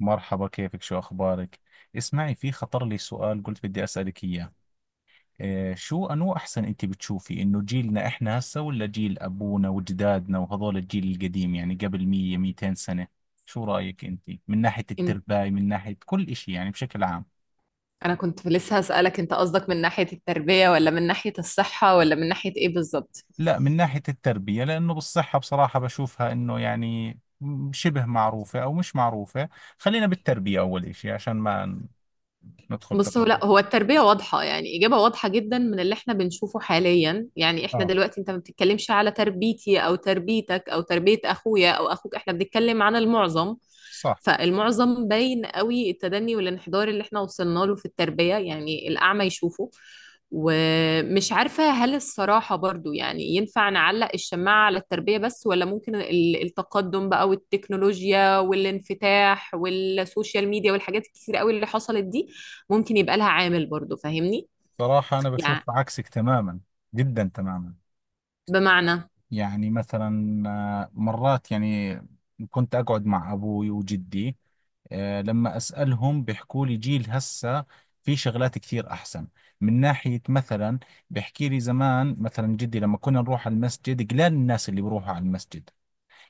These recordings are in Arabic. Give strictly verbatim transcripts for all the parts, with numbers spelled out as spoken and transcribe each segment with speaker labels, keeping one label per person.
Speaker 1: مرحبا، كيفك، شو أخبارك؟ اسمعي، في خطر لي سؤال قلت بدي أسألك إياه. إيه، شو أنو أحسن، أنت بتشوفي إنه جيلنا إحنا هسا ولا جيل أبونا وجدادنا وهذول الجيل القديم، يعني قبل مية ميتين سنة؟ شو رأيك أنت من ناحية
Speaker 2: إن-
Speaker 1: التربية، من ناحية كل إشي يعني بشكل عام؟
Speaker 2: انا كنت لسه هسألك، انت قصدك من ناحية التربية ولا من ناحية الصحة ولا من ناحية ايه بالظبط؟
Speaker 1: لا، من ناحية التربية، لأنه بالصحة بصراحة بشوفها إنه يعني م- شبه معروفة أو مش معروفة. خلينا بالتربية أول إشي عشان ما ندخل
Speaker 2: بص، هو
Speaker 1: تفاصيل.
Speaker 2: لا، هو التربية واضحة، يعني إجابة واضحة جدا من اللي احنا بنشوفه حاليا. يعني احنا
Speaker 1: آه،
Speaker 2: دلوقتي انت ما بتتكلمش على تربيتي أو تربيتك أو تربية أخويا أو أخوك، احنا بنتكلم عن المعظم.
Speaker 1: صح.
Speaker 2: فالمعظم باين قوي التدني والانحدار اللي احنا وصلنا له في التربية، يعني الأعمى يشوفه. ومش عارفة هل الصراحة برضو يعني ينفع نعلق الشماعة على التربية بس، ولا ممكن ال- التقدم بقى والتكنولوجيا والانفتاح والسوشيال ميديا والحاجات الكتير قوي اللي حصلت دي ممكن يبقى لها عامل برضو؟ فاهمني.
Speaker 1: صراحة أنا
Speaker 2: يعني
Speaker 1: بشوف عكسك تماما، جدا تماما.
Speaker 2: بمعنى،
Speaker 1: يعني مثلا آه، مرات يعني كنت أقعد مع أبوي وجدي. آه، لما أسألهم بيحكوا لي جيل هسه في شغلات كثير أحسن. من ناحية مثلا بيحكي لي زمان، مثلا جدي لما كنا نروح على المسجد قلال الناس اللي بيروحوا على المسجد.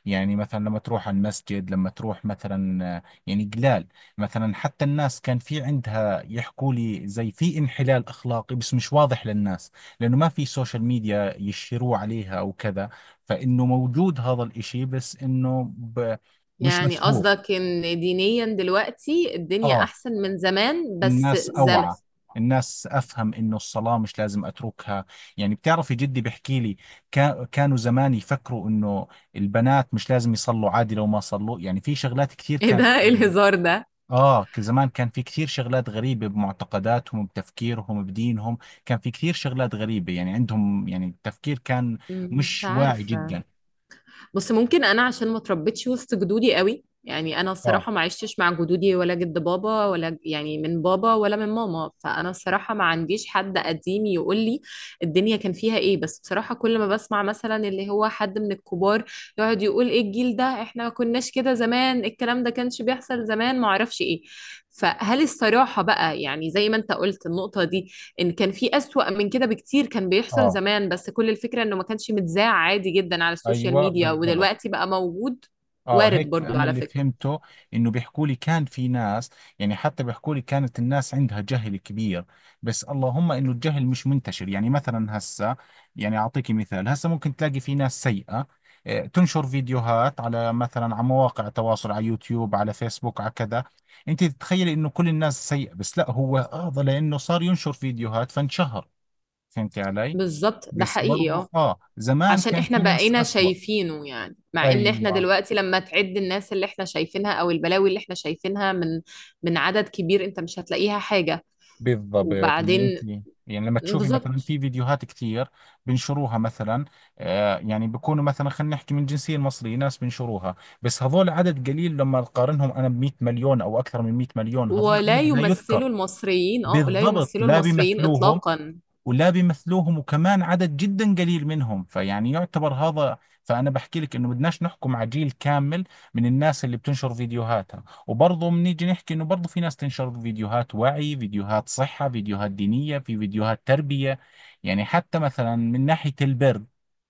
Speaker 1: يعني مثلا لما تروح على المسجد، لما تروح مثلا، آه، يعني قلال. مثلا حتى الناس كان في عندها، يحكوا لي زي في انحلال أخلاقي بس مش واضح للناس لأنه ما في سوشيال ميديا يشيروا عليها أو كذا. فإنه موجود هذا الإشي بس إنه ب- مش
Speaker 2: يعني
Speaker 1: مشهور.
Speaker 2: قصدك ان دينيا دلوقتي الدنيا
Speaker 1: آه،
Speaker 2: احسن من زمان؟ بس
Speaker 1: الناس
Speaker 2: زم
Speaker 1: أوعى، الناس أفهم إنه الصلاة مش لازم أتركها. يعني بتعرفي جدي بحكي لي كا- كانوا زمان يفكروا إنه البنات مش لازم يصلوا، عادي لو ما صلوا. يعني في شغلات كثير
Speaker 2: ايه
Speaker 1: كانت
Speaker 2: ده؟ إيه الهزار ده؟
Speaker 1: آه، ك- زمان كان في كثير شغلات غريبة بمعتقداتهم، بتفكيرهم، بدينهم. كان في كثير شغلات غريبة يعني عندهم، يعني التفكير كان
Speaker 2: مش
Speaker 1: مش واعي
Speaker 2: عارفة.
Speaker 1: جدا.
Speaker 2: بص، ممكن انا عشان ما اتربيتش وسط جدودي قوي، يعني انا
Speaker 1: آه.
Speaker 2: الصراحه ما عشتش مع جدودي، ولا جد بابا، ولا ج- يعني من بابا ولا من ماما. فانا الصراحه ما عنديش حد قديم يقول لي الدنيا كان فيها ايه. بس بصراحه كل ما بسمع مثلا اللي هو حد من الكبار يقعد يقول ايه الجيل ده، احنا ما كناش كده زمان، الكلام ده كانش بيحصل زمان، ما اعرفش ايه. فهل الصراحه بقى، يعني زي ما انت قلت النقطه دي، ان كان في اسوأ من كده بكتير كان بيحصل
Speaker 1: آه،
Speaker 2: زمان، بس كل الفكرة انه ما كانش متذاع. عادي جدا، على السوشيال
Speaker 1: أيوة
Speaker 2: ميديا
Speaker 1: بالضبط.
Speaker 2: ودلوقتي بقى موجود.
Speaker 1: اه،
Speaker 2: وارد
Speaker 1: هيك
Speaker 2: برضو
Speaker 1: انا
Speaker 2: على
Speaker 1: اللي
Speaker 2: فكرة.
Speaker 1: فهمته. انه بيحكوا لي كان في ناس، يعني حتى بيحكوا لي كانت الناس عندها جهل كبير، بس اللهم انه الجهل مش منتشر. يعني مثلا هسه، يعني اعطيك مثال، هسه ممكن تلاقي في ناس سيئة، آه، تنشر فيديوهات على، مثلا، على مواقع تواصل، على يوتيوب، على فيسبوك، على كذا. انت تتخيلي انه كل الناس سيئة، بس لا، هو هذا لانه صار ينشر فيديوهات فانشهر. فهمتي علي؟
Speaker 2: بالظبط ده
Speaker 1: بس
Speaker 2: حقيقي، اه،
Speaker 1: برضو اه زمان
Speaker 2: عشان
Speaker 1: كان
Speaker 2: احنا
Speaker 1: في ناس
Speaker 2: بقينا
Speaker 1: اسوأ.
Speaker 2: شايفينه. يعني مع ان احنا
Speaker 1: ايوه
Speaker 2: دلوقتي لما تعد الناس اللي احنا شايفينها، او البلاوي اللي احنا شايفينها، من من عدد كبير انت مش هتلاقيها حاجة.
Speaker 1: بالضبط. ان
Speaker 2: وبعدين
Speaker 1: انت يعني لما تشوفي مثلا
Speaker 2: بالظبط،
Speaker 1: في فيديوهات كثير بنشروها مثلا، آه، يعني بكونوا مثلا، خلينا نحكي، من الجنسيه المصريه، ناس بنشروها، بس هذول عدد قليل لما نقارنهم انا ب مية مليون او اكثر من مئة مليون، هذول
Speaker 2: ولا
Speaker 1: عدد لا يذكر.
Speaker 2: يمثلوا المصريين، اه، لا
Speaker 1: بالضبط،
Speaker 2: يمثلوا
Speaker 1: لا
Speaker 2: المصريين
Speaker 1: بيمثلوهم،
Speaker 2: اطلاقا.
Speaker 1: ولا بيمثلوهم، وكمان عدد جدا قليل منهم، فيعني يعتبر هذا. فأنا بحكي لك إنه بدناش نحكم على جيل كامل من الناس اللي بتنشر فيديوهاتها. وبرضه بنيجي نحكي إنه برضه في ناس تنشر فيديوهات وعي، فيديوهات صحة، فيديوهات دينية، في فيديوهات تربية. يعني حتى مثلا من ناحية البر،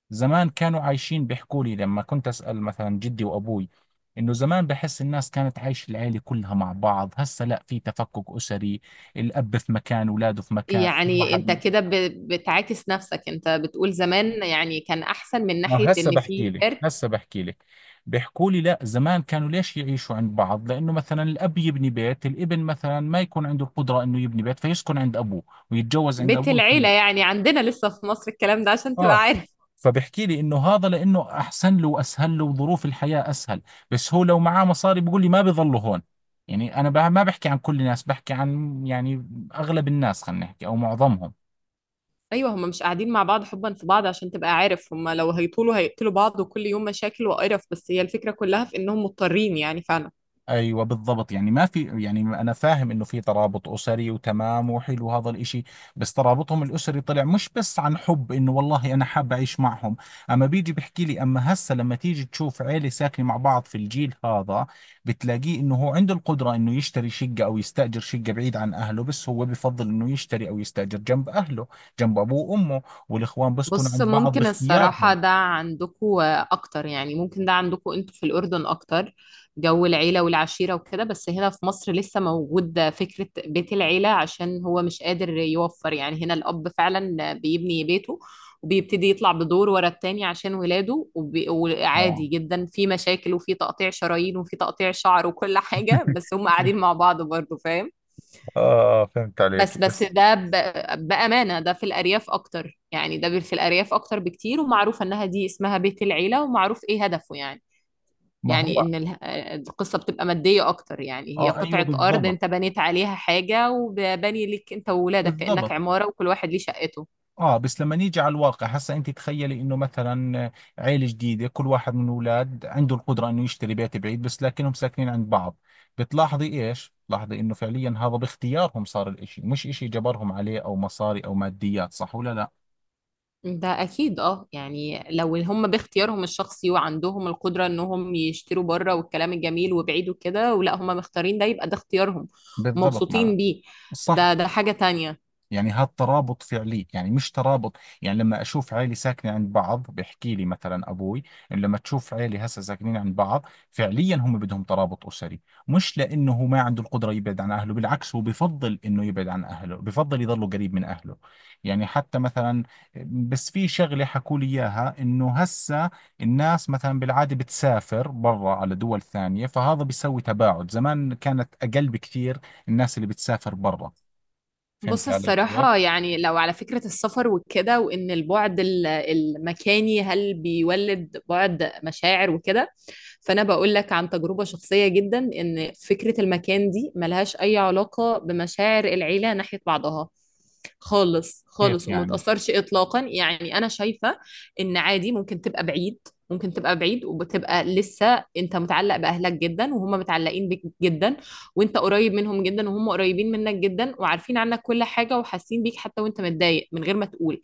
Speaker 1: زمان كانوا عايشين، بيحكوا لي لما كنت أسأل مثلا جدي وأبوي إنه زمان بحس الناس كانت عايشة العيلة كلها مع بعض. هسه لا، في تفكك أسري، الأب في مكان، أولاده في مكان
Speaker 2: يعني انت
Speaker 1: واحد.
Speaker 2: كده ب- بتعاكس نفسك، انت بتقول زمان يعني كان احسن من
Speaker 1: ما
Speaker 2: ناحية
Speaker 1: هسه
Speaker 2: ان
Speaker 1: بحكي
Speaker 2: في
Speaker 1: لك،
Speaker 2: جرد.
Speaker 1: هسه بحكي لك. بيحكوا لي لا، زمان كانوا ليش يعيشوا عند بعض؟ لانه مثلا الاب يبني بيت، الابن مثلا ما يكون عنده القدره انه يبني بيت فيسكن عند ابوه ويتجوز عند
Speaker 2: بيت
Speaker 1: ابوه
Speaker 2: العيلة
Speaker 1: يتخلف.
Speaker 2: يعني عندنا لسه في مصر، الكلام ده عشان تبقى
Speaker 1: اه،
Speaker 2: عارف.
Speaker 1: فبحكي لي انه هذا لانه احسن له واسهل له وظروف الحياه اسهل. بس هو لو معاه مصاري بيقول لي ما بيظلوا هون. يعني انا بع- ما بحكي عن كل الناس، بحكي عن يعني اغلب الناس، خلينا نحكي، او معظمهم.
Speaker 2: ايوه، هم مش قاعدين مع بعض حبا في بعض عشان تبقى عارف، هم لو هيطولوا هيقتلوا بعض، وكل يوم مشاكل وقرف، بس هي الفكرة كلها في انهم مضطرين يعني، فعلا.
Speaker 1: ايوه بالضبط. يعني ما في، يعني انا فاهم انه في ترابط اسري وتمام وحلو هذا الاشي، بس ترابطهم الاسري طلع مش بس عن حب انه والله انا حاب اعيش معهم. اما بيجي بحكي لي، اما هسه لما تيجي تشوف عيلة ساكنة مع بعض في الجيل هذا، بتلاقيه انه هو عنده القدرة انه يشتري شقة او يستأجر شقة بعيد عن اهله، بس هو بفضل انه يشتري او يستأجر جنب اهله، جنب ابوه وامه. والاخوان بسكنوا
Speaker 2: بص،
Speaker 1: عند بعض
Speaker 2: ممكن
Speaker 1: باختيارهم.
Speaker 2: الصراحة ده عندكو أكتر، يعني ممكن ده عندكو أنتوا في الأردن أكتر، جو العيلة والعشيرة وكده. بس هنا في مصر لسه موجود فكرة بيت العيلة، عشان هو مش قادر يوفر. يعني هنا الأب فعلا بيبني بيته وبيبتدي يطلع بدور ورا التاني عشان ولاده، وبي-
Speaker 1: اه،
Speaker 2: وعادي جدا في مشاكل وفي تقطيع شرايين وفي تقطيع شعر وكل حاجة، بس هم قاعدين مع بعض برضه، فاهم؟
Speaker 1: اه، عليك
Speaker 2: بس بس
Speaker 1: بس.
Speaker 2: ده ب... بأمانة ده في الأرياف أكتر، يعني ده في الأرياف أكتر بكتير، ومعروف إنها دي اسمها بيت العيلة، ومعروف إيه هدفه. يعني
Speaker 1: ما
Speaker 2: يعني
Speaker 1: هو،
Speaker 2: إن اله- القصة بتبقى مادية أكتر، يعني هي
Speaker 1: اه ايوه
Speaker 2: قطعة أرض
Speaker 1: بالضبط،
Speaker 2: أنت بنيت عليها حاجة وبني لك أنت وولادك كأنك
Speaker 1: بالضبط.
Speaker 2: عمارة وكل واحد ليه شقته.
Speaker 1: اه، بس لما نيجي على الواقع هسا، انت تخيلي انه مثلا، آه، عيلة جديدة، كل واحد من الاولاد عنده القدرة انه يشتري بيت بعيد، بس لكنهم ساكنين عند بعض. بتلاحظي ايش؟ بتلاحظي انه فعليا هذا باختيارهم صار الاشي، مش اشي جبرهم عليه او مصاري او ماديات، صح ولا لا؟
Speaker 2: ده أكيد، أه، يعني لو هم باختيارهم الشخصي وعندهم القدرة إنهم يشتروا بره والكلام الجميل وبعيد وكده، ولا هم مختارين ده، يبقى ده اختيارهم
Speaker 1: بالضبط معنا.
Speaker 2: ومبسوطين بيه.
Speaker 1: صح،
Speaker 2: ده ده حاجة تانية.
Speaker 1: يعني هذا ترابط فعلي، يعني مش ترابط. يعني لما أشوف عيلة ساكنة عند بعض بحكي لي مثلا أبوي إنه لما تشوف عيلة هسه ساكنين عند بعض فعليا هم بدهم ترابط أسري، مش لأنه هو ما عنده القدرة يبعد عن أهله. بالعكس، هو بفضل إنه يبعد عن أهله، بفضل يضله قريب من أهله. يعني حتى مثلا، بس في شغلة حكوا لي إياها إنه هسه الناس مثلا بالعادة بتسافر برا على دول ثانية، فهذا بيسوي تباعد. زمان كانت أقل بكثير الناس اللي بتسافر برا.
Speaker 2: بص
Speaker 1: فهمت علي كيف؟
Speaker 2: الصراحة، يعني لو على فكرة السفر وكده، وإن البعد ال- المكاني هل بيولد بعد مشاعر وكده، فأنا بقول لك عن تجربة شخصية جدا إن فكرة المكان دي ملهاش أي علاقة بمشاعر العيلة ناحية بعضها، خالص
Speaker 1: كيف
Speaker 2: خالص، وما
Speaker 1: يعني؟
Speaker 2: تأثرش إطلاقا. يعني أنا شايفة إن عادي ممكن تبقى بعيد، ممكن تبقى بعيد وبتبقى لسه أنت متعلق بأهلك جدا، وهم متعلقين بيك جدا، وانت قريب منهم جدا، وهم قريبين منك جدا، وعارفين عنك كل حاجة، وحاسين بيك حتى وانت متضايق من غير ما تقول.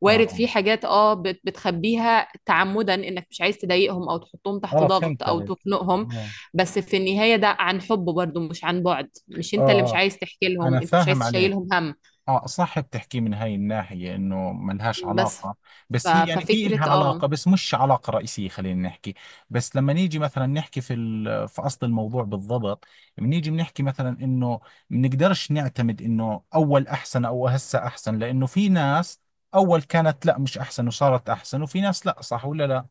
Speaker 2: وارد
Speaker 1: اه،
Speaker 2: في حاجات، اه، بت- بتخبيها تعمدا انك مش عايز تضايقهم او تحطهم تحت
Speaker 1: اه،
Speaker 2: ضغط
Speaker 1: فهمت
Speaker 2: او
Speaker 1: عليك.
Speaker 2: تخنقهم.
Speaker 1: اه،
Speaker 2: بس في النهاية ده عن حب برضو، مش عن بعد، مش
Speaker 1: اه،
Speaker 2: انت اللي مش
Speaker 1: اه
Speaker 2: عايز تحكي
Speaker 1: انا
Speaker 2: لهم، انت مش عايز
Speaker 1: فاهم عليك.
Speaker 2: تشيلهم هم.
Speaker 1: اه صح، بتحكي من هاي الناحية انه ما لهاش
Speaker 2: بس
Speaker 1: علاقة.
Speaker 2: ف...
Speaker 1: بس هي يعني في
Speaker 2: ففكرة
Speaker 1: لها
Speaker 2: اه
Speaker 1: علاقة، بس مش علاقة رئيسية، خلينا نحكي. بس لما نيجي مثلا نحكي في ال- في اصل الموضوع بالضبط، بنيجي بنحكي مثلا انه بنقدرش نعتمد انه اول احسن او هسه احسن، لانه في ناس اول كانت لا مش احسن وصارت احسن، وفي ناس لا، صح ولا لا؟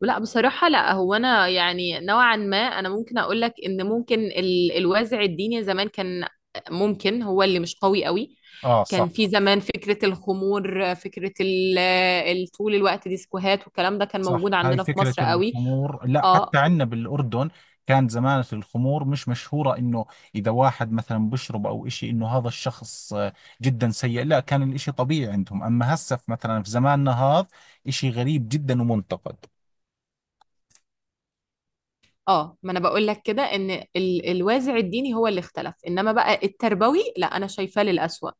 Speaker 2: لا، بصراحة لا. هو أنا يعني نوعا ما أنا ممكن أقول لك إن ممكن ال- الوازع الديني زمان كان، ممكن هو اللي مش قوي قوي.
Speaker 1: اه
Speaker 2: كان
Speaker 1: صح.
Speaker 2: في زمان فكرة الخمور، فكرة ال- ال- طول الوقت ديسكوهات، والكلام ده كان
Speaker 1: صح،
Speaker 2: موجود
Speaker 1: هاي
Speaker 2: عندنا في
Speaker 1: فكرة
Speaker 2: مصر قوي.
Speaker 1: الخمور لا
Speaker 2: اه
Speaker 1: حتى عندنا بالأردن كانت زمان الخمور مش مشهورة، إنه إذا واحد مثلا بشرب أو إشي إنه هذا الشخص آه، جدا سيء. لا، كان الإشي طبيعي عندهم. أما هسه في- مثلا في زماننا هذا إشي غريب جدا ومنتقد.
Speaker 2: اه، ما انا بقول لك كده، ان ال- الوازع الديني هو اللي اختلف، انما بقى التربوي لا، انا شايفاه للأسوأ.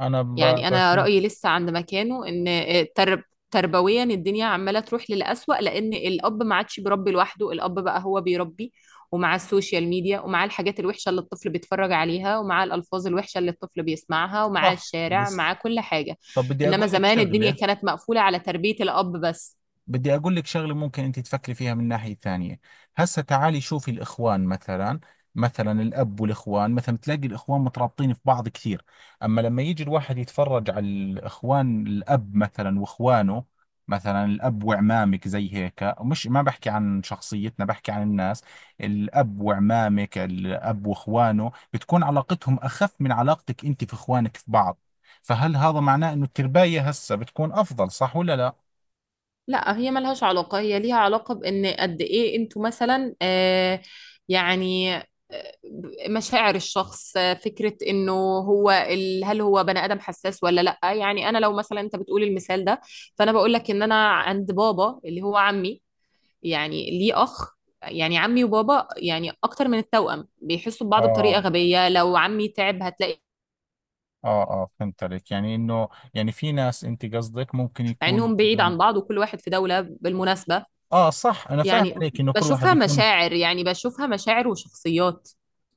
Speaker 1: أنا ب-
Speaker 2: يعني انا
Speaker 1: بشوف.
Speaker 2: رايي لسه عند مكانه، ان ترب تربويا الدنيا عماله تروح للأسوأ، لان الاب ما عادش بيربي لوحده، الاب بقى هو بيربي ومع السوشيال ميديا، ومع الحاجات الوحشه اللي الطفل بيتفرج عليها، ومع الالفاظ الوحشه اللي الطفل بيسمعها، ومع
Speaker 1: صح
Speaker 2: الشارع، مع
Speaker 1: بس،
Speaker 2: كل حاجه.
Speaker 1: طب بدي
Speaker 2: انما
Speaker 1: أقول لك
Speaker 2: زمان الدنيا
Speaker 1: شغلة،
Speaker 2: كانت مقفوله على تربيه الاب بس.
Speaker 1: بدي أقول لك شغلة ممكن أنت تفكري فيها من ناحية ثانية. هسا تعالي شوفي الإخوان مثلا، مثلا الأب والإخوان مثلا، تلاقي الإخوان مترابطين في بعض كثير. أما لما يجي الواحد يتفرج على الإخوان، الأب مثلا وإخوانه، مثلا الأب وعمامك زي هيك، مش ما بحكي عن شخصيتنا بحكي عن الناس، الأب وعمامك، الأب وإخوانه، بتكون علاقتهم أخف من علاقتك أنت في إخوانك في بعض. فهل هذا معناه إنه الترباية هسا بتكون أفضل، صح ولا لا؟
Speaker 2: لا، هي ملهاش علاقة، هي ليها علاقة بإن قد إيه أنتوا مثلا، آه يعني، آه، مشاعر الشخص، آه، فكرة إنه هو ال- هل هو بني آدم حساس ولا لأ. يعني أنا لو مثلا أنت بتقول المثال ده، فأنا بقول لك إن أنا عند بابا اللي هو عمي، يعني ليه أخ، يعني عمي وبابا يعني أكتر من التوأم، بيحسوا ببعض بطريقة
Speaker 1: آه،
Speaker 2: غبية. لو عمي تعب هتلاقي،
Speaker 1: اه اه فهمت عليك، يعني انه، يعني في ناس انت قصدك ممكن
Speaker 2: مع
Speaker 1: يكون
Speaker 2: إنهم بعيد
Speaker 1: لهم.
Speaker 2: عن بعض وكل واحد في دولة بالمناسبة.
Speaker 1: اه صح انا فاهم
Speaker 2: يعني
Speaker 1: عليك انه كل واحد
Speaker 2: بشوفها
Speaker 1: يكون.
Speaker 2: مشاعر، يعني بشوفها مشاعر وشخصيات.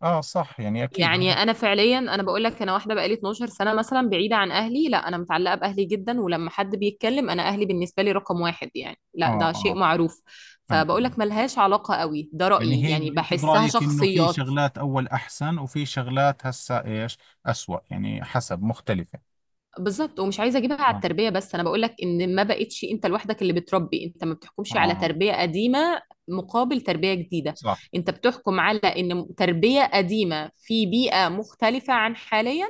Speaker 1: اه صح، يعني اكيد
Speaker 2: يعني
Speaker 1: هذا.
Speaker 2: انا فعليا انا بقول لك، انا واحده بقالي اتناشر سنه مثلا بعيده عن اهلي، لا انا متعلقه باهلي جدا، ولما حد بيتكلم انا اهلي بالنسبه لي رقم واحد، يعني لا
Speaker 1: اه
Speaker 2: ده شيء
Speaker 1: اه
Speaker 2: معروف.
Speaker 1: فهمت
Speaker 2: فبقول
Speaker 1: عليك.
Speaker 2: لك ملهاش علاقه قوي، ده
Speaker 1: يعني
Speaker 2: رايي،
Speaker 1: هي
Speaker 2: يعني
Speaker 1: انت
Speaker 2: بحسها
Speaker 1: برايك انه في
Speaker 2: شخصيات.
Speaker 1: شغلات اول احسن وفي شغلات هسه ايش، اسوأ، يعني حسب مختلفة.
Speaker 2: بالظبط، ومش عايزه اجيبها على
Speaker 1: اه،
Speaker 2: التربيه بس، انا بقول لك ان ما بقتش انت لوحدك اللي بتربي، انت ما بتحكمش على
Speaker 1: اه،
Speaker 2: تربيه قديمه مقابل تربيه جديده.
Speaker 1: صح.
Speaker 2: انت بتحكم على ان تربيه قديمه في بيئه مختلفه عن حاليا،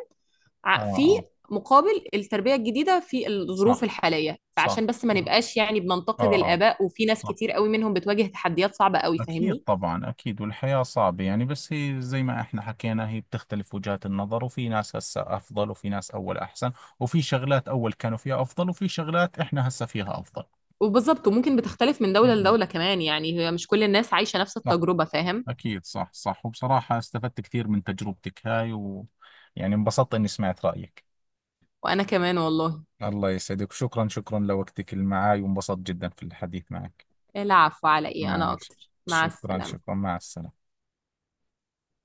Speaker 1: اه،
Speaker 2: ع- في
Speaker 1: اه،
Speaker 2: مقابل التربيه الجديده في الظروف
Speaker 1: صح
Speaker 2: الحاليه. فعشان
Speaker 1: صح
Speaker 2: بس ما
Speaker 1: يعني.
Speaker 2: نبقاش يعني بننتقد
Speaker 1: اه، اه،
Speaker 2: الاباء، وفي ناس
Speaker 1: صح.
Speaker 2: كتير قوي منهم بتواجه تحديات صعبه قوي،
Speaker 1: أكيد
Speaker 2: فاهمني؟
Speaker 1: طبعا، أكيد، والحياة صعبة يعني. بس هي زي ما إحنا حكينا، هي بتختلف وجهات النظر، وفي ناس هسا أفضل وفي ناس أول أحسن، وفي شغلات أول كانوا فيها أفضل وفي شغلات إحنا هسا فيها أفضل.
Speaker 2: وبالظبط، وممكن بتختلف من
Speaker 1: م-
Speaker 2: دوله
Speaker 1: م.
Speaker 2: لدوله كمان، يعني هي مش كل الناس عايشه نفس
Speaker 1: صح،
Speaker 2: التجربه، فاهم؟
Speaker 1: أكيد صح صح. وبصراحة استفدت كثير من تجربتك هاي ويعني انبسطت إني سمعت رأيك.
Speaker 2: وانا كمان والله.
Speaker 1: الله يسعدك، وشكرا، شكرا لوقتك اللي معاي، وانبسطت جدا في الحديث معك.
Speaker 2: العفو، على ايه، انا
Speaker 1: ماشي،
Speaker 2: اكتر. مع
Speaker 1: شكرا
Speaker 2: السلامة.
Speaker 1: شكرا، مع السلامة.